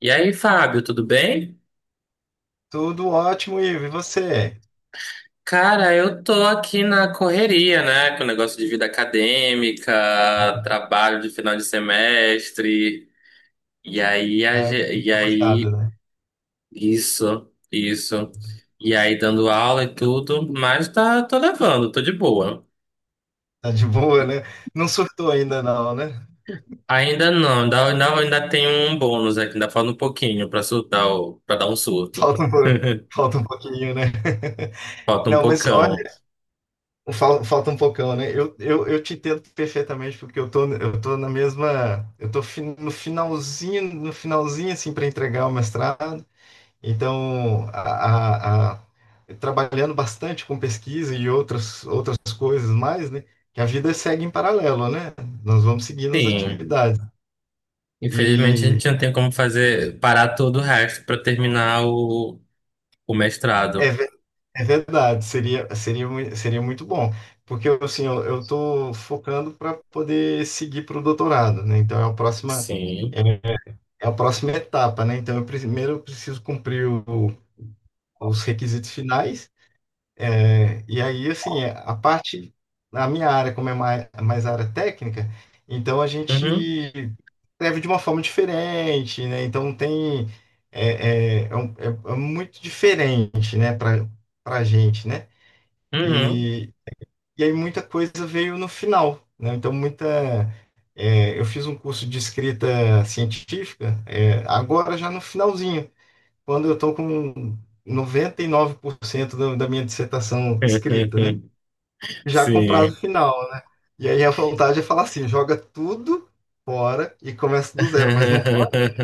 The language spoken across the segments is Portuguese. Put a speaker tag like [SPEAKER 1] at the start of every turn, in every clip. [SPEAKER 1] E aí, Fábio, tudo bem?
[SPEAKER 2] Tudo ótimo, Ivo. E você?
[SPEAKER 1] Cara, eu tô aqui na correria, né? Com o negócio de vida acadêmica, trabalho de final de semestre. E aí, a
[SPEAKER 2] É,
[SPEAKER 1] ge- e
[SPEAKER 2] muito fechado,
[SPEAKER 1] aí,
[SPEAKER 2] né?
[SPEAKER 1] isso, isso. E aí, dando aula e tudo, mas tá, tô levando, tô de boa.
[SPEAKER 2] Tá de boa, né? Não surtou ainda não, né?
[SPEAKER 1] Ainda não, ainda tem um bônus aqui, ainda falta um pouquinho pra surtar, pra dar um surto.
[SPEAKER 2] Falta um, falta um pouquinho, né?
[SPEAKER 1] Falta um
[SPEAKER 2] Não, mas olha,
[SPEAKER 1] pocão.
[SPEAKER 2] falta um pocão, né? Eu te entendo perfeitamente porque eu tô na mesma, eu tô no finalzinho, no finalzinho assim para entregar o mestrado. Então, a- a- trabalhando bastante com pesquisa e outras outras coisas mais, né? Que a vida segue em paralelo, né? Nós vamos seguindo as
[SPEAKER 1] Sim.
[SPEAKER 2] atividades.
[SPEAKER 1] Infelizmente, a
[SPEAKER 2] E
[SPEAKER 1] gente não tem como fazer, parar todo o resto para terminar o
[SPEAKER 2] é,
[SPEAKER 1] mestrado.
[SPEAKER 2] é verdade, seria, seria, seria muito bom, porque eu, assim, eu tô focando para poder seguir para o doutorado, né? Então é a próxima, é,
[SPEAKER 1] Sim.
[SPEAKER 2] é a próxima etapa, né? Então eu, primeiro eu preciso cumprir os requisitos finais. É, e aí, assim, é, a parte, na minha área, como é mais, mais área técnica, então a
[SPEAKER 1] Uhum.
[SPEAKER 2] gente escreve de uma forma diferente, né? Então tem, é muito diferente, né, para para a gente, né?
[SPEAKER 1] Uhum.
[SPEAKER 2] E, e aí muita coisa veio no final, né? Então muita, é, eu fiz um curso de escrita científica, é, agora já no finalzinho, quando eu estou com 99% da, da minha dissertação escrita, né? Já
[SPEAKER 1] Sim.
[SPEAKER 2] com prazo final. E aí a vontade é falar assim, joga tudo fora e começa do zero, mas não pode.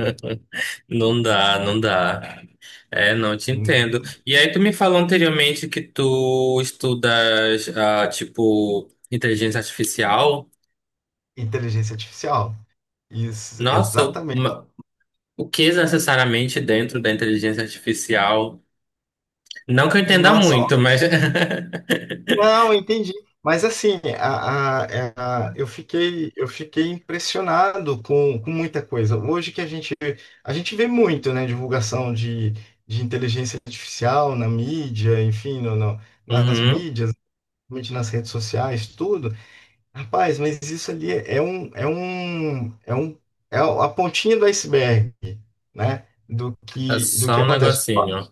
[SPEAKER 1] Não dá, não dá. É, não te entendo.
[SPEAKER 2] Hum,
[SPEAKER 1] E aí, tu me falou anteriormente que tu estudas, tipo, inteligência artificial.
[SPEAKER 2] Inteligência artificial. Isso,
[SPEAKER 1] Nossa,
[SPEAKER 2] exatamente.
[SPEAKER 1] uma- o que necessariamente dentro da inteligência artificial? Não que eu entenda
[SPEAKER 2] Nossa,
[SPEAKER 1] muito,
[SPEAKER 2] ó,
[SPEAKER 1] mas.
[SPEAKER 2] não, entendi. Mas assim, eu fiquei impressionado com muita coisa. Hoje que a gente vê muito, né, divulgação de inteligência artificial na mídia, enfim, nas
[SPEAKER 1] Uhum.
[SPEAKER 2] mídias, principalmente nas redes sociais, tudo. Rapaz, mas isso ali é a pontinha do iceberg, né?
[SPEAKER 1] É
[SPEAKER 2] Do
[SPEAKER 1] só
[SPEAKER 2] que
[SPEAKER 1] um
[SPEAKER 2] acontece.
[SPEAKER 1] negocinho.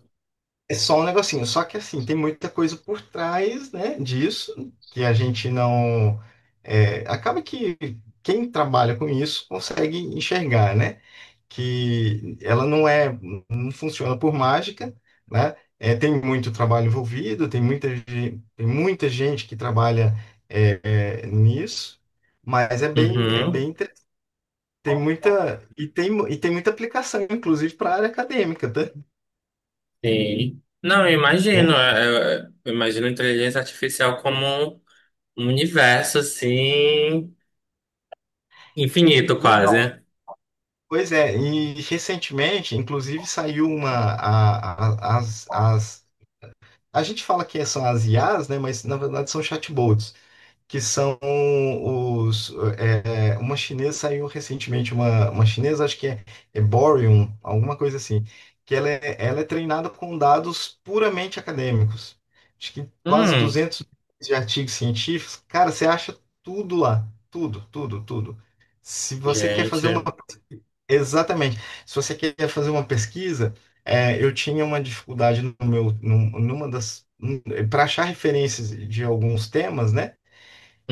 [SPEAKER 2] É só um negocinho. Só que assim, tem muita coisa por trás, né, disso, que a gente não. É, acaba que quem trabalha com isso consegue enxergar, né? Que ela não é, não funciona por mágica, né? É, tem muito trabalho envolvido, tem muita, tem muita gente que trabalha é, é, nisso, mas é
[SPEAKER 1] Uhum.
[SPEAKER 2] bem, tem muita, e tem, e tem muita aplicação, inclusive, para a área acadêmica, tá?
[SPEAKER 1] Sim. Não, eu imagino.
[SPEAKER 2] É,
[SPEAKER 1] Eu imagino a inteligência artificial como um um universo, assim, infinito
[SPEAKER 2] então,
[SPEAKER 1] quase.
[SPEAKER 2] pois é, e recentemente, inclusive, saiu uma, as, as, a gente fala que são as IAs, né? Mas, na verdade, são chatbots. Que são os. É, uma chinesa saiu recentemente, uma chinesa, acho que é, é Boryun, alguma coisa assim, que ela é treinada com dados puramente acadêmicos. Acho que quase
[SPEAKER 1] Hum,
[SPEAKER 2] 200 milhões de artigos científicos. Cara, você acha tudo lá. Tudo, tudo, tudo. Se você quer fazer uma.
[SPEAKER 1] gente.
[SPEAKER 2] Exatamente. Se você quer fazer uma pesquisa, é, eu tinha uma dificuldade no meu, numa das. Para achar referências de alguns temas, né?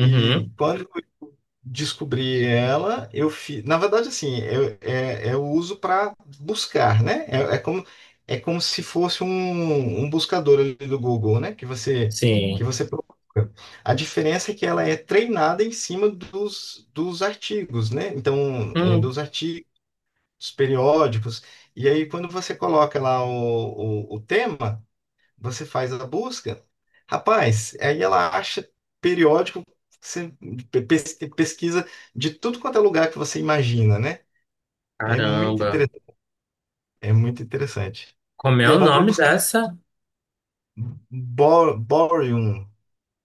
[SPEAKER 2] E quando eu descobri ela, eu fiz. Na verdade, assim, eu, é, eu uso para buscar, né? É, é como se fosse um, um buscador ali do Google, né? Que
[SPEAKER 1] Sim.
[SPEAKER 2] você procura. A diferença é que ela é treinada em cima dos, dos artigos, né? Então, é,
[SPEAKER 1] Hum,
[SPEAKER 2] dos artigos periódicos. E aí, quando você coloca lá o tema. Você faz a busca. Rapaz, aí ela acha periódico, você pesquisa de tudo quanto é lugar que você imagina, né? É muito
[SPEAKER 1] caramba.
[SPEAKER 2] interessante, é muito interessante.
[SPEAKER 1] Como é
[SPEAKER 2] E é
[SPEAKER 1] o
[SPEAKER 2] bom para
[SPEAKER 1] nome
[SPEAKER 2] buscar
[SPEAKER 1] dessa?
[SPEAKER 2] borium,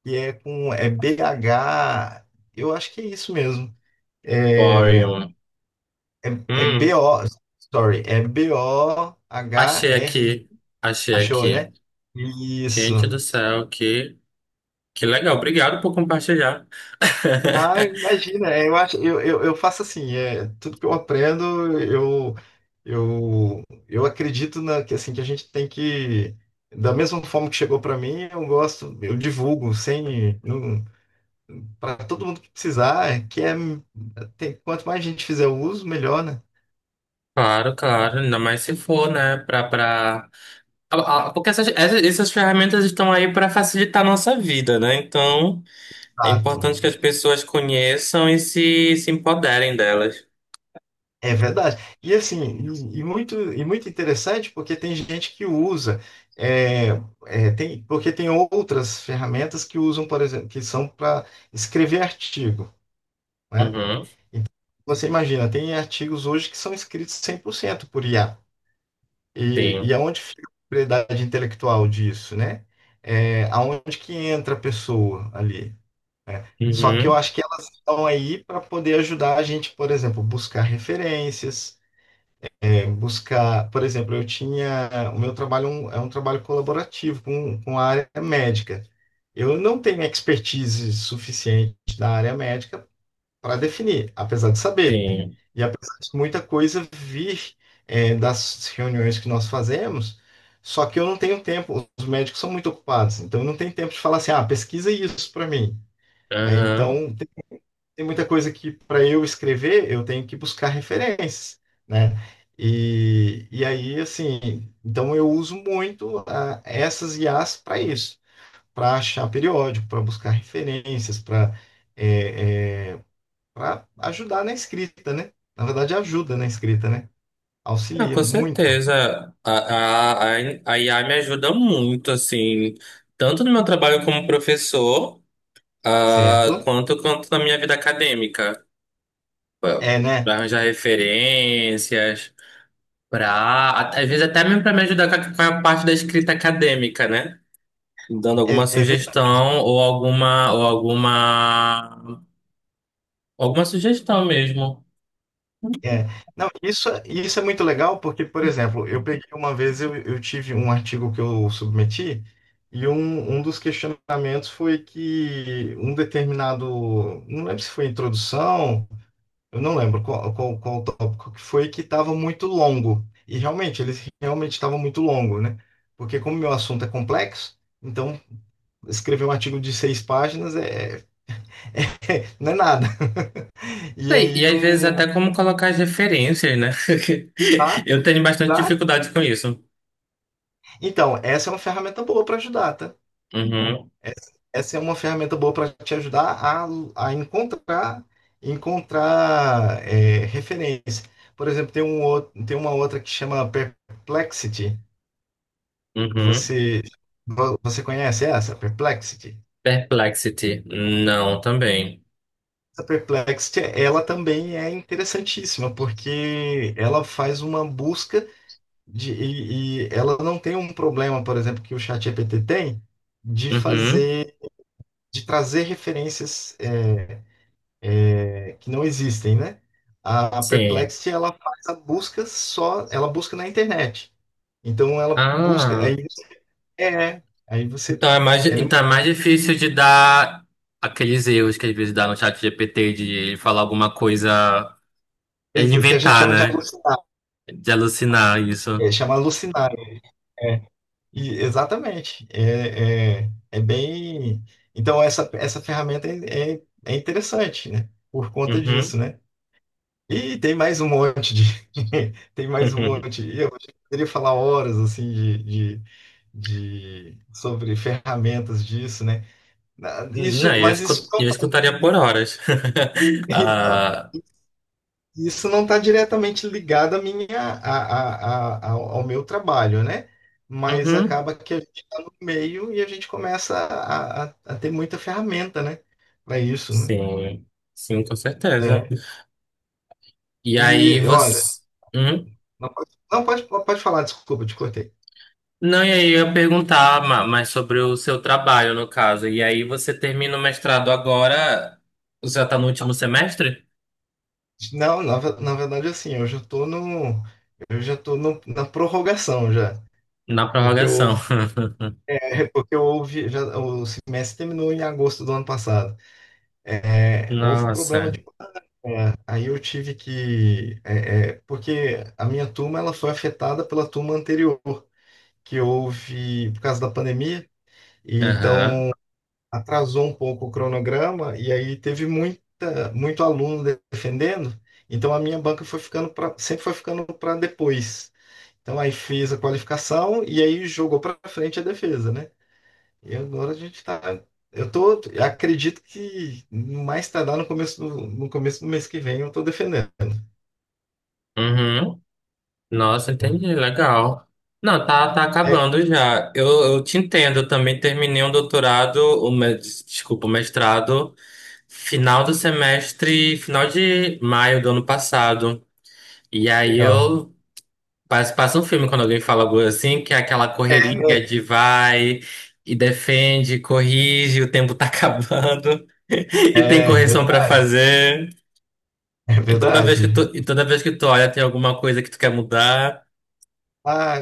[SPEAKER 2] que é com é b h, eu acho que é isso mesmo. É,
[SPEAKER 1] Boreum.
[SPEAKER 2] é, é B
[SPEAKER 1] Hum,
[SPEAKER 2] o, sorry, é
[SPEAKER 1] achei
[SPEAKER 2] B-O-H-R-I.
[SPEAKER 1] aqui. Achei
[SPEAKER 2] Achou,
[SPEAKER 1] aqui.
[SPEAKER 2] né? Isso.
[SPEAKER 1] Gente do céu, que legal. Obrigado por compartilhar.
[SPEAKER 2] Ah, imagina, é, eu acho, eu faço assim, é, tudo que eu aprendo, eu, eu acredito na, que, assim, que a gente tem que, da mesma forma que chegou para mim, eu gosto, eu divulgo sem, para todo mundo que precisar, é que é, tem, quanto mais gente fizer o uso, melhor, né?
[SPEAKER 1] Claro, claro, ainda mais se for, né, para porque essas ferramentas estão aí para facilitar a nossa vida, né? Então, é
[SPEAKER 2] Exato.
[SPEAKER 1] importante que as pessoas conheçam e se empoderem delas.
[SPEAKER 2] É verdade. E assim, e muito interessante porque tem gente que usa, é, é, tem, porque tem outras ferramentas que usam, por exemplo, que são para escrever artigo, né?
[SPEAKER 1] Uhum,
[SPEAKER 2] Você imagina, tem artigos hoje que são escritos 100% por IA. E
[SPEAKER 1] sim.
[SPEAKER 2] aonde fica a propriedade intelectual disso, né? É, aonde que entra a pessoa ali? Só que eu
[SPEAKER 1] Uhum,
[SPEAKER 2] acho que elas estão aí para poder ajudar a gente, por exemplo, buscar referências, buscar, por exemplo, eu tinha, o meu trabalho é um trabalho colaborativo com a área médica. Eu não tenho expertise suficiente da área médica para definir, apesar de saber.
[SPEAKER 1] sim.
[SPEAKER 2] E apesar de muita coisa vir é, das reuniões que nós fazemos, só que eu não tenho tempo, os médicos são muito ocupados, então eu não tenho tempo de falar assim, ah, pesquisa isso para mim. Né?
[SPEAKER 1] Uhum.
[SPEAKER 2] Então, tem muita coisa que para eu escrever eu tenho que buscar referências, né? E aí, assim, então eu uso muito ah, essas IAs para isso, para achar periódico, para buscar referências, para para ajudar na escrita, né? Na verdade, ajuda na escrita, né?
[SPEAKER 1] Ah,
[SPEAKER 2] Auxilia
[SPEAKER 1] com
[SPEAKER 2] muito,
[SPEAKER 1] certeza. A IA me ajuda muito, assim, tanto no meu trabalho como professor, ah,
[SPEAKER 2] certo?
[SPEAKER 1] quanto na minha vida acadêmica. Pra-
[SPEAKER 2] É,
[SPEAKER 1] Para
[SPEAKER 2] né?
[SPEAKER 1] arranjar referências, pra, às vezes até mesmo para me ajudar com com a parte da escrita acadêmica, né? Dando
[SPEAKER 2] É,
[SPEAKER 1] alguma
[SPEAKER 2] é
[SPEAKER 1] sugestão ou alguma alguma sugestão mesmo.
[SPEAKER 2] É, não, isso, isso é muito legal porque, por exemplo, eu peguei uma vez, eu tive um artigo que eu submeti e um dos questionamentos foi que um determinado, não lembro se foi introdução, eu não lembro qual, qual, qual o tópico que foi, que estava muito longo. E realmente, ele realmente estava muito longo, né? Porque como meu assunto é complexo, então escrever um artigo de 6 páginas é, não é nada. E
[SPEAKER 1] E
[SPEAKER 2] aí
[SPEAKER 1] às vezes
[SPEAKER 2] o...
[SPEAKER 1] até como colocar as referências, né?
[SPEAKER 2] Tá,
[SPEAKER 1] Eu tenho bastante
[SPEAKER 2] exato.
[SPEAKER 1] dificuldade com isso.
[SPEAKER 2] Então, essa é uma ferramenta boa para ajudar, tá?
[SPEAKER 1] Uhum,
[SPEAKER 2] Essa essa é uma ferramenta boa para te ajudar a encontrar, encontrar é, referência. Por exemplo, tem um, tem uma outra que chama Perplexity.
[SPEAKER 1] uhum.
[SPEAKER 2] Você, você conhece essa, Perplexity?
[SPEAKER 1] Perplexity. Não, também.
[SPEAKER 2] Essa Perplexity, ela também é interessantíssima, porque ela faz uma busca de, e ela não tem um problema, por exemplo, que o ChatGPT tem, de
[SPEAKER 1] Uhum,
[SPEAKER 2] fazer, de trazer referências é, que não existem, né? A
[SPEAKER 1] sim.
[SPEAKER 2] Perplexity, ela faz a busca só, ela busca na internet. Então ela busca,
[SPEAKER 1] Ah,
[SPEAKER 2] aí é, aí você, ela é uma
[SPEAKER 1] então é mais difícil de dar aqueles erros que às vezes dá no chat GPT de falar alguma coisa. É de
[SPEAKER 2] empresa que a gente
[SPEAKER 1] inventar,
[SPEAKER 2] chama de
[SPEAKER 1] né?
[SPEAKER 2] alucinar,
[SPEAKER 1] De alucinar isso.
[SPEAKER 2] é, chama alucinar, é, e, exatamente, é, é, é bem, então essa ferramenta é, é, é interessante, né? Por conta disso,
[SPEAKER 1] Uhum,
[SPEAKER 2] né? E tem mais um monte de. Tem mais um
[SPEAKER 1] uhum.
[SPEAKER 2] monte. E eu poderia falar horas assim de, sobre ferramentas disso, né? Isso,
[SPEAKER 1] Não,
[SPEAKER 2] mas isso não
[SPEAKER 1] eu
[SPEAKER 2] está
[SPEAKER 1] escutaria por horas.
[SPEAKER 2] então,
[SPEAKER 1] Ah,
[SPEAKER 2] isso não tá diretamente ligado à minha, ao ao meu trabalho, né? Mas
[SPEAKER 1] uhum,
[SPEAKER 2] acaba que a gente está no meio e a gente começa a, a ter muita ferramenta, né? Para isso, né?
[SPEAKER 1] sim, sim, com certeza.
[SPEAKER 2] É.
[SPEAKER 1] E aí
[SPEAKER 2] E olha,
[SPEAKER 1] você. Hum?
[SPEAKER 2] não pode, não pode, pode falar, desculpa, te cortei.
[SPEAKER 1] Não, e aí eu ia perguntar mais sobre o seu trabalho, no caso. E aí você termina o mestrado agora? Você já tá no último semestre?
[SPEAKER 2] Não, na, na verdade, assim, eu já tô na prorrogação já,
[SPEAKER 1] Na
[SPEAKER 2] porque eu
[SPEAKER 1] prorrogação.
[SPEAKER 2] houve, porque eu houve, já, o semestre terminou em agosto do ano passado. É, houve problema
[SPEAKER 1] Nossa.
[SPEAKER 2] de, é, aí eu tive que, é, é, porque a minha turma ela foi afetada pela turma anterior que houve por causa da pandemia, e
[SPEAKER 1] Aham.
[SPEAKER 2] então atrasou um pouco o cronograma e aí teve muita, muito aluno defendendo. Então a minha banca foi ficando pra, sempre foi ficando para depois. Então aí fez a qualificação e aí jogou para frente a defesa, né? E agora a gente tá. Eu tô, eu acredito que no mais tardar no começo do, no começo do mês que vem eu tô defendendo.
[SPEAKER 1] Uhum. Nossa,
[SPEAKER 2] Né?
[SPEAKER 1] entendi, legal. Não, tá, tá
[SPEAKER 2] É
[SPEAKER 1] acabando já. Eu te entendo, eu também terminei um doutorado, desculpa, o mestrado, final do semestre, final de maio do ano passado. E aí
[SPEAKER 2] legal.
[SPEAKER 1] eu passa um filme quando alguém fala algo assim, que é aquela correria
[SPEAKER 2] É,
[SPEAKER 1] de vai e defende, corrige, o tempo tá acabando e tem
[SPEAKER 2] é
[SPEAKER 1] correção pra
[SPEAKER 2] verdade,
[SPEAKER 1] fazer.
[SPEAKER 2] é
[SPEAKER 1] E toda vez que tu,
[SPEAKER 2] verdade.
[SPEAKER 1] e toda vez que tu olha, tem alguma coisa que tu quer mudar.
[SPEAKER 2] Ah,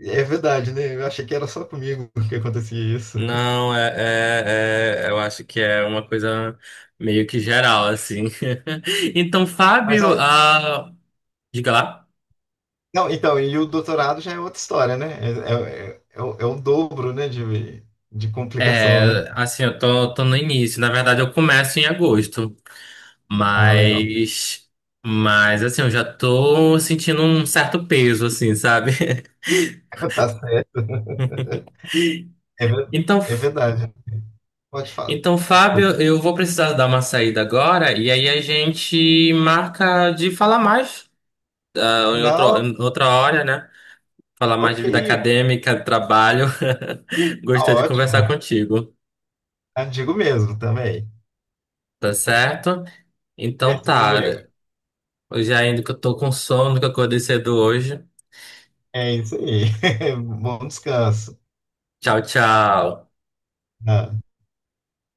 [SPEAKER 2] é verdade, né? Eu achei que era só comigo que acontecia isso.
[SPEAKER 1] Não, eu acho que é uma coisa meio que geral, assim. Então,
[SPEAKER 2] Mas
[SPEAKER 1] Fábio,
[SPEAKER 2] ah,
[SPEAKER 1] ah, diga lá.
[SPEAKER 2] não, então, e o doutorado já é outra história, né? É, é, é, o, é o dobro, né, de complicação, né?
[SPEAKER 1] É, assim, tô no início. Na verdade, eu começo em agosto,
[SPEAKER 2] Ah, legal.
[SPEAKER 1] mas, mas assim, eu já tô sentindo um certo peso, assim, sabe?
[SPEAKER 2] Tá certo. É,
[SPEAKER 1] Então,
[SPEAKER 2] é
[SPEAKER 1] F-
[SPEAKER 2] verdade. Pode falar.
[SPEAKER 1] então,
[SPEAKER 2] Desculpa.
[SPEAKER 1] Fábio, eu vou precisar dar uma saída agora e aí a gente marca de falar mais, ah,
[SPEAKER 2] Não,
[SPEAKER 1] em outra hora, né? Falar mais de
[SPEAKER 2] ok,
[SPEAKER 1] vida acadêmica, trabalho.
[SPEAKER 2] tá
[SPEAKER 1] Gostei de conversar
[SPEAKER 2] ótimo.
[SPEAKER 1] contigo,
[SPEAKER 2] Ah, digo mesmo também.
[SPEAKER 1] tá
[SPEAKER 2] Tá.
[SPEAKER 1] certo? Então
[SPEAKER 2] Certo, meu
[SPEAKER 1] tá,
[SPEAKER 2] amigo.
[SPEAKER 1] eu já ainda que eu tô com sono, que eu acordei cedo hoje.
[SPEAKER 2] É isso aí. Bom descanso.
[SPEAKER 1] Tchau, tchau.
[SPEAKER 2] Ah.